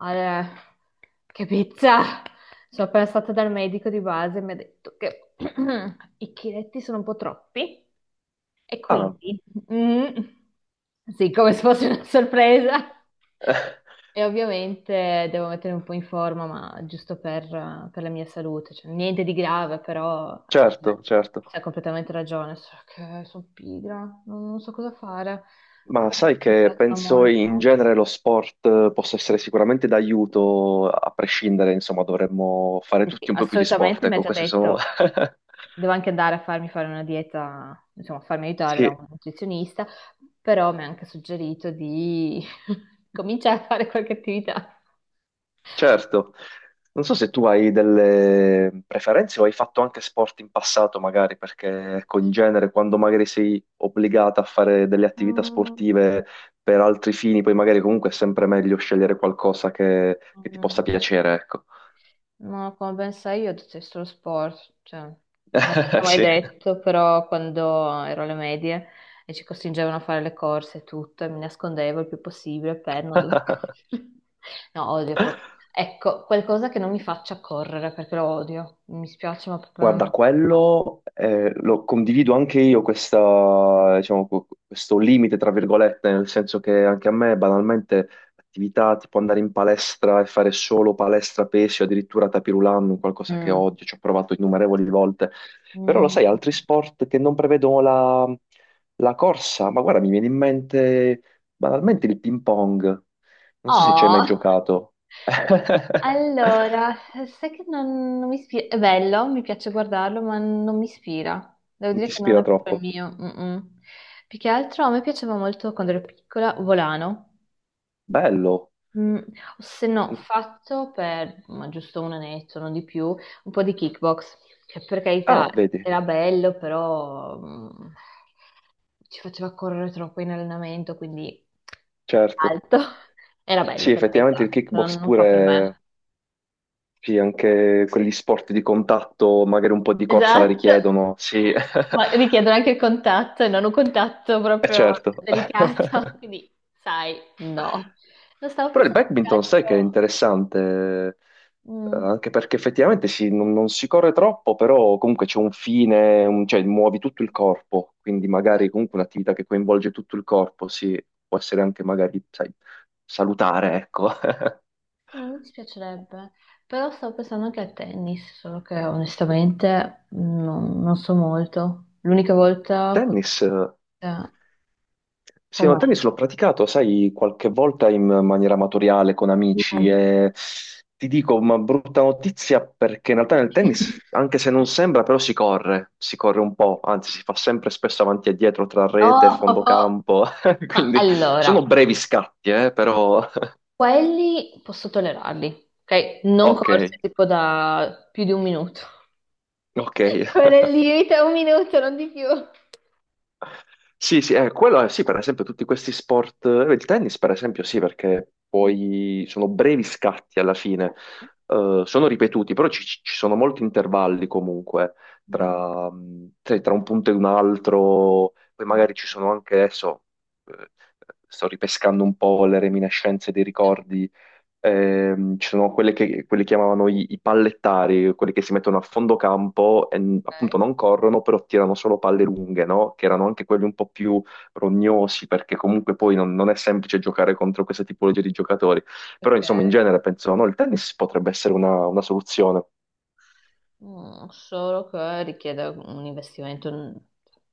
Eh, che pizza! Sono appena stata dal medico di base e mi ha detto che i chiletti sono un po' troppi e Ah, quindi, mm, sì, come se fosse una sorpresa. eh, E ovviamente devo mettere un po' in forma, ma giusto per la mia salute, cioè, niente di grave, però certo, certo. hai completamente ragione, solo che sono pigra, non so cosa fare. Ma Però sai mi che piacciono penso in molto. genere lo sport possa essere sicuramente d'aiuto, a prescindere, insomma, dovremmo fare Sì, sì, tutti un po' più di sport, assolutamente, mi ha ecco, già queste sono. detto, devo anche andare a farmi fare una dieta, insomma, a farmi aiutare da Sì, un nutrizionista, però mi ha anche suggerito di cominciare a fare qualche attività. certo. Non so se tu hai delle preferenze o hai fatto anche sport in passato, magari, perché, ecco, in genere, quando magari sei obbligata a fare delle attività Mm. sportive per altri fini, poi magari comunque è sempre meglio scegliere qualcosa che ti possa Mm. piacere, ecco. Ma come ben sai io detesto lo sport, cioè, non ti ho mai Sì. detto, però quando ero alle medie e ci costringevano a fare le corse e tutto, e mi nascondevo il più possibile per non dover correre. No, odio proprio. Ecco, qualcosa che non mi faccia correre, perché lo odio. Mi spiace, ma proprio non mi... Guarda, No. quello lo condivido anche io, questa, diciamo, questo limite, tra virgolette, nel senso che anche a me banalmente attività tipo andare in palestra e fare solo palestra pesce, addirittura tapirulan, qualcosa che Mm. odio, ci ho provato innumerevoli volte. Però lo Mm. sai, Mm. altri sport che non prevedono la corsa, ma guarda, mi viene in mente banalmente il ping pong. Non so se ci hai mai Oh! giocato. Allora, sai che non mi ispira, è bello, mi piace guardarlo, ma non mi ispira. Devo Non ti dire che non ispira è proprio il troppo. mio. Mm-mm. Più che altro a me piaceva molto quando ero piccola, volano. Bello. Mm, o se no, ho fatto per ma giusto un annetto, non di più, un po' di kickbox, che per carità Ah, vedi, era bello, però ci faceva correre troppo in allenamento, quindi certo. alto. Era bello Sì, per effettivamente il carità, però kickbox non fa per pure, me. sì, anche quegli sport di contatto, magari un po' di corsa la Esatto, richiedono, sì, è ma richiedono anche il contatto e non un contatto proprio certo. delicato, quindi sai, no. Non stavo Però il pensando che badminton sai che è altro... interessante, Mm, anche perché effettivamente sì, non si corre troppo, però comunque c'è un fine, cioè muovi tutto il corpo, quindi eh, magari comunque un'attività che coinvolge tutto il corpo, sì, può essere anche magari, sai, salutare, ecco. sì, non mi dispiacerebbe, però stavo pensando anche a tennis, solo che onestamente non so molto. L'unica volta con... Tennis, eh, sì, no, com'è? tennis l'ho praticato, sai, qualche volta in maniera amatoriale con amici Mm. e ti dico una brutta notizia perché in realtà nel tennis, anche se non sembra, però si corre un po', anzi si fa sempre spesso avanti e dietro tra No, rete e oh, fondo oh, campo, ma quindi allora, sono brevi scatti, però quelli posso tollerarli, ok? Non ok, corse tipo da più di un minuto. ok. Quello è il limite, un minuto, non di più. Sì, sì, quello è, sì, per esempio tutti questi sport, il tennis per esempio sì, perché Mm. poi sono brevi scatti alla fine, sono ripetuti, però ci sono molti intervalli comunque Mm. tra un punto e un altro, poi magari ci sono anche adesso, eh, sto ripescando un po' le reminiscenze dei Sì. ricordi. Ci sono quelle che quelli chiamavano i pallettari, quelli che si mettono a fondo campo e appunto Ok. non corrono, però tirano solo palle lunghe, no? Che erano anche quelli un po' più rognosi, perché comunque poi non è semplice giocare contro questa tipologia di giocatori. Però Ok. insomma, in genere penso, no, il tennis potrebbe essere una soluzione. Mm, solo che richiede un investimento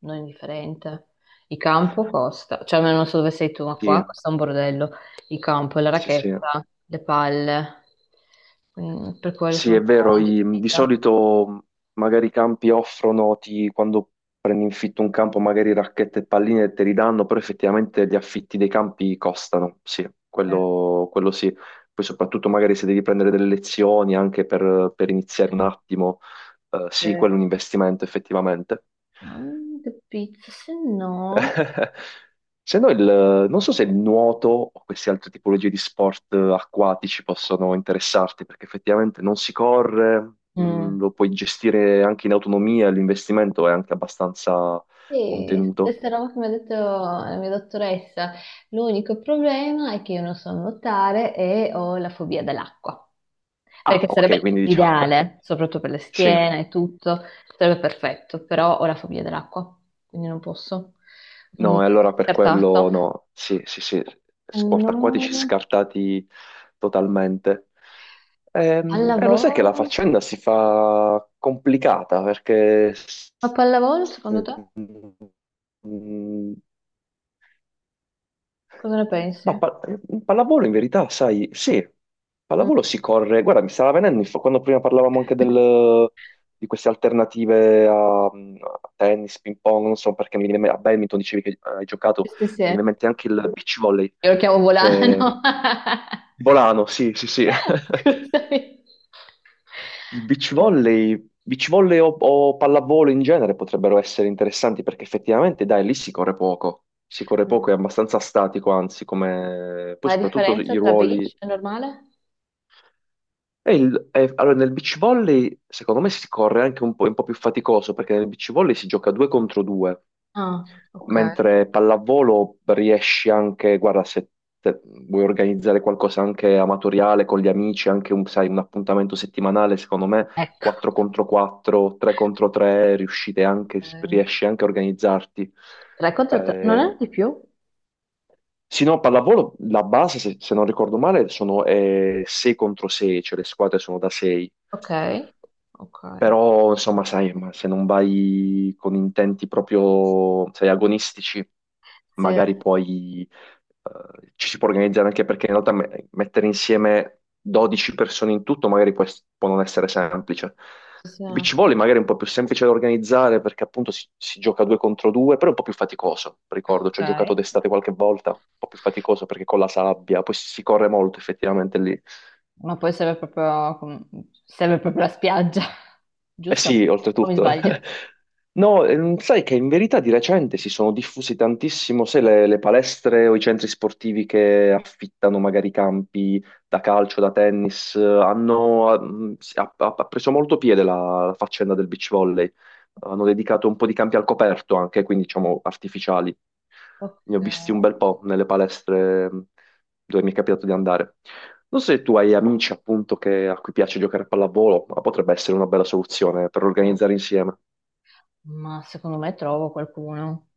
non indifferente. Il campo costa, cioè almeno non so dove sei tu, ma qua Sì, costa un bordello. Il campo, la sì, sì. racchetta, le palle. Mm, per quello Sì, sono è un po' vero, di indecisa. solito magari i campi offrono, quando prendi in fitto un campo, magari racchette e palline te li danno, però effettivamente gli affitti dei campi costano, sì, Eh. quello sì. Poi soprattutto magari se devi prendere delle lezioni anche per iniziare un attimo, sì, quello Sì. è un investimento effettivamente. Mm, capito, se no... Se no, non so se il nuoto o queste altre tipologie di sport acquatici possono interessarti, perché effettivamente non si corre, Mm. Lo puoi gestire anche in autonomia, l'investimento è anche abbastanza Sì, contenuto. stessa roba che mi ha detto la mia dottoressa. L'unico problema è che io non so nuotare e ho la fobia dell'acqua, Ah, perché ok, sarebbe quindi diciamo, l'ideale, soprattutto per le sì. schiene e tutto, sarebbe perfetto, però ho la fobia dell'acqua, quindi non posso. Quindi, No, e allora per scartato. quello no, sì, sì, sì, sport acquatici No, scartati totalmente. al Lo sai che la lavoro. faccenda si fa complicata perché Ma s- pallavolo, secondo te? Cosa ne ma pensi? Pallavolo in verità, sai, sì, Mm. pallavolo si corre. Guarda, mi stava venendo, quando prima parlavamo anche di queste alternative a tennis, ping pong, non so perché mi viene a badminton dicevi che hai giocato, Sì, sì, mi sì. viene in mente anche il beach volley. Io lo chiamo Che... volano. Volano, sì, sì, sì. Scusami. Il beach Sì. volley, beach volley o pallavolo in genere potrebbero essere interessanti perché effettivamente, dai, lì si corre poco. Si corre poco, è abbastanza statico, anzi, come. Poi Ma la soprattutto differenza i tra ruoli. beach e normale? E allora, nel beach volley, secondo me, si corre anche un po', è un po' più faticoso perché nel beach volley si gioca due contro due. Ah, ok. Mentre pallavolo riesci anche, guarda, se vuoi organizzare qualcosa anche amatoriale con gli amici, anche un, sai, un appuntamento settimanale, secondo me Ecco. 4 contro 4, 3 contro 3, riuscite anche, Ok. riesci anche a organizzarti. Tre contro tre. Non Eh, è di più? sì, no, pallavolo, la base, se non ricordo male, sono 6 contro 6, cioè le squadre sono da 6. Ok. Ok. Però, insomma, sai, ma se non vai con intenti proprio, sai, agonistici, Sì. magari poi ci si può organizzare anche perché in realtà mettere insieme 12 persone in tutto magari può non essere semplice. Sì, sì. Il beach volley magari è un po' più semplice da organizzare perché appunto si gioca due contro due, però è un po' più faticoso, ricordo, Ok. ci ho giocato d'estate qualche volta, un po' più faticoso perché con la sabbia, poi si corre molto effettivamente lì. Ma poi serve proprio, serve proprio la spiaggia, Eh giusto? sì, O mi oltretutto. sbaglio? No, sai che in verità di recente si sono diffusi tantissimo, sai, le palestre o i centri sportivi che affittano magari campi da calcio, da tennis, hanno, mm, si- ha, ha- ha preso molto piede la faccenda del beach volley, hanno dedicato un po' di campi al coperto anche, quindi diciamo artificiali. Ok. Ne ho visti un bel po' nelle palestre dove mi è capitato di andare. Non so se tu hai amici appunto a cui piace giocare a pallavolo, ma potrebbe essere una bella soluzione per organizzare insieme. Ma secondo me trovo qualcuno,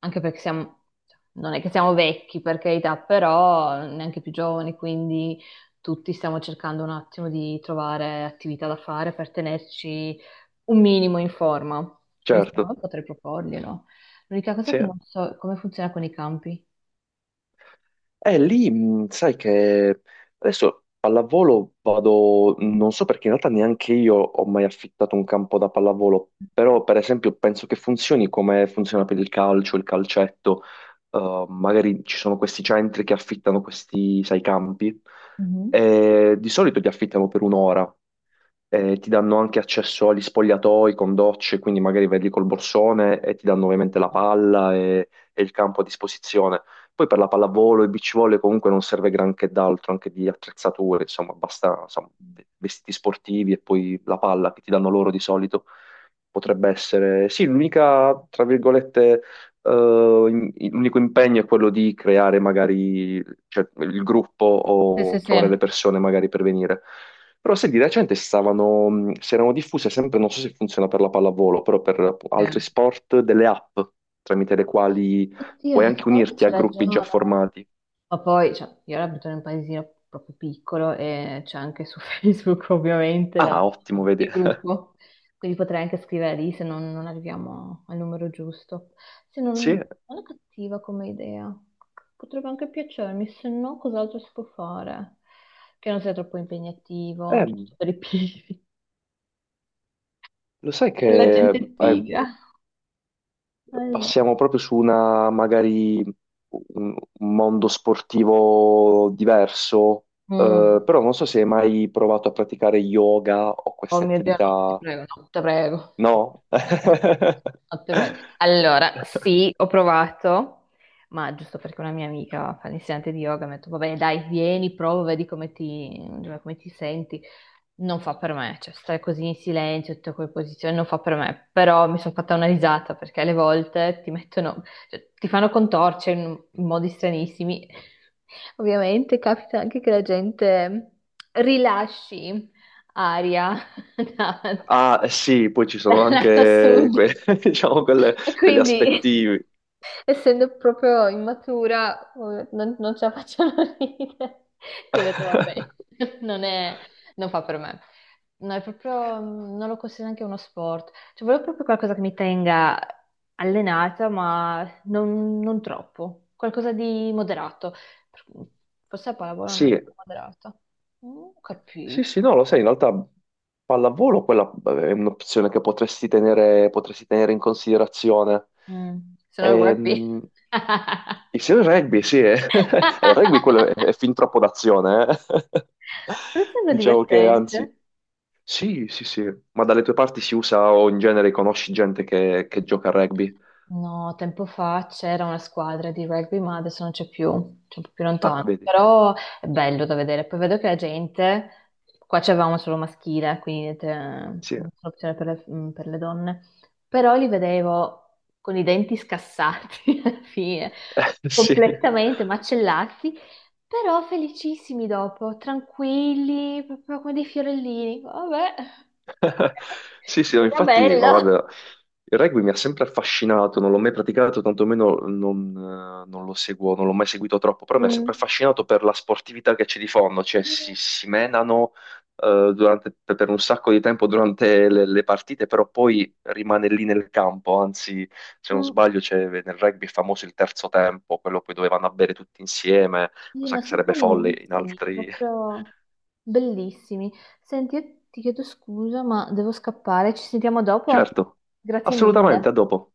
anche perché siamo, cioè, non è che siamo vecchi per carità, però neanche più giovani, quindi tutti stiamo cercando un attimo di trovare attività da fare per tenerci un minimo in forma. Quindi secondo Certo, me potrei proporglielo. L'unica cosa sì. che non so è come funziona con i campi. Lì, sai che adesso pallavolo vado, non so perché in realtà neanche io ho mai affittato un campo da pallavolo, però per esempio penso che funzioni come funziona per il calcio, il calcetto. Magari ci sono questi centri che affittano questi, sai, campi, Mhm. e di solito li affittano per un'ora, e ti danno anche accesso agli spogliatoi con docce, quindi magari vedi col borsone e ti danno ovviamente la palla e il campo a disposizione. Poi per la pallavolo e beach volley comunque non serve granché d'altro, anche di attrezzature, insomma, basta insomma, vestiti sportivi e poi la palla che ti danno loro di solito. Potrebbe essere, sì, l'unica, tra virgolette, eh, l'unico impegno è quello di creare magari, cioè, il gruppo Sì, sì, o trovare le sì. persone magari per venire. Però se di recente stavano, si erano diffuse sempre, non so se funziona per la pallavolo, però per Sì. altri sport, delle app tramite le quali Oddio, puoi anche effettivamente unirti c'è a gruppi già ragione. formati. Ma poi, cioè, io ora abito in un paesino proprio piccolo e c'è anche su Facebook ovviamente Ah, ottimo, vedi. il gruppo, quindi potrei anche scrivere lì se non arriviamo al numero giusto. Se non, Sì, non è cattiva come idea, potrebbe anche piacermi, se no cos'altro si può fare? Che non sia troppo impegnativo, eh, giusto per i pigri, lo sai per la che gente eh, pigra. Allora, passiamo proprio su una, magari, un mondo sportivo diverso, mm. però non so se hai mai provato a praticare yoga o Oh queste mio Dio, no, ti attività. prego, no, te prego. No? No, no, te prego. Allora, sì, ho provato, ma giusto perché una mia amica fa l'insegnante di yoga, mi ha detto, va bene, dai, vieni, prova, vedi come ti senti. Non fa per me, cioè stare così in silenzio, tutte quelle posizioni, non fa per me. Però mi sono fatta una risata perché alle volte ti mettono, cioè, ti fanno contorcere in modi stranissimi. Ovviamente capita anche che la gente rilasci aria da- Ah, sì, poi ci sono dal lato anche sud diciamo, e quegli quindi aspetti. essendo proprio immatura non ce la facciano ridere. Quindi ho detto, vabbè, non è, non fa per me. No, è proprio, non lo considero neanche uno sport. Cioè, volevo proprio qualcosa che mi tenga allenata, ma non troppo. Qualcosa di moderato. Per- forse la pallavolo non è Sì. così moderata. Non ho Sì, capito. sì, no, lo sai, in realtà pallavolo quella è un'opzione che potresti tenere in considerazione. Mm, sono il rugby. Ehm, Insieme al rugby, sì, è, il rugby quello è, è fin troppo d'azione, eh. Non sembra Diciamo che divertente. anzi, sì, sì, sì, ma dalle tue parti si usa o in genere conosci gente che gioca a rugby? No, tempo fa c'era una squadra di rugby, ma adesso non c'è più, c'è un po' più Ah, lontano. vedi, Però è bello da vedere. Poi vedo che la gente, qua c'avevamo solo maschile, quindi te- non sì, c'è opzione per le, mm, per le donne. Però li vedevo con i denti scassati alla fine, sì. completamente macellati, però felicissimi dopo, tranquilli, proprio come dei fiorellini. Vabbè, ok, Sì, sì, no, sembra infatti, ma bello. guarda, il rugby mi ha sempre affascinato, non l'ho mai praticato, tantomeno non lo seguo, non l'ho mai seguito troppo, però mi ha Mm. sempre affascinato per la sportività che c'è di fondo, cioè si menano per un sacco di tempo durante le partite, però poi rimane lì nel campo, anzi, se non Mm, sbaglio, nel rugby è famoso il terzo tempo, quello poi dove vanno a bere tutti insieme, sì, cosa ma che sono sarebbe folle in carinissimi, altri. proprio bellissimi. Senti, io ti chiedo scusa, ma devo scappare. Ci sentiamo dopo? Certo, Grazie assolutamente, mille. a dopo.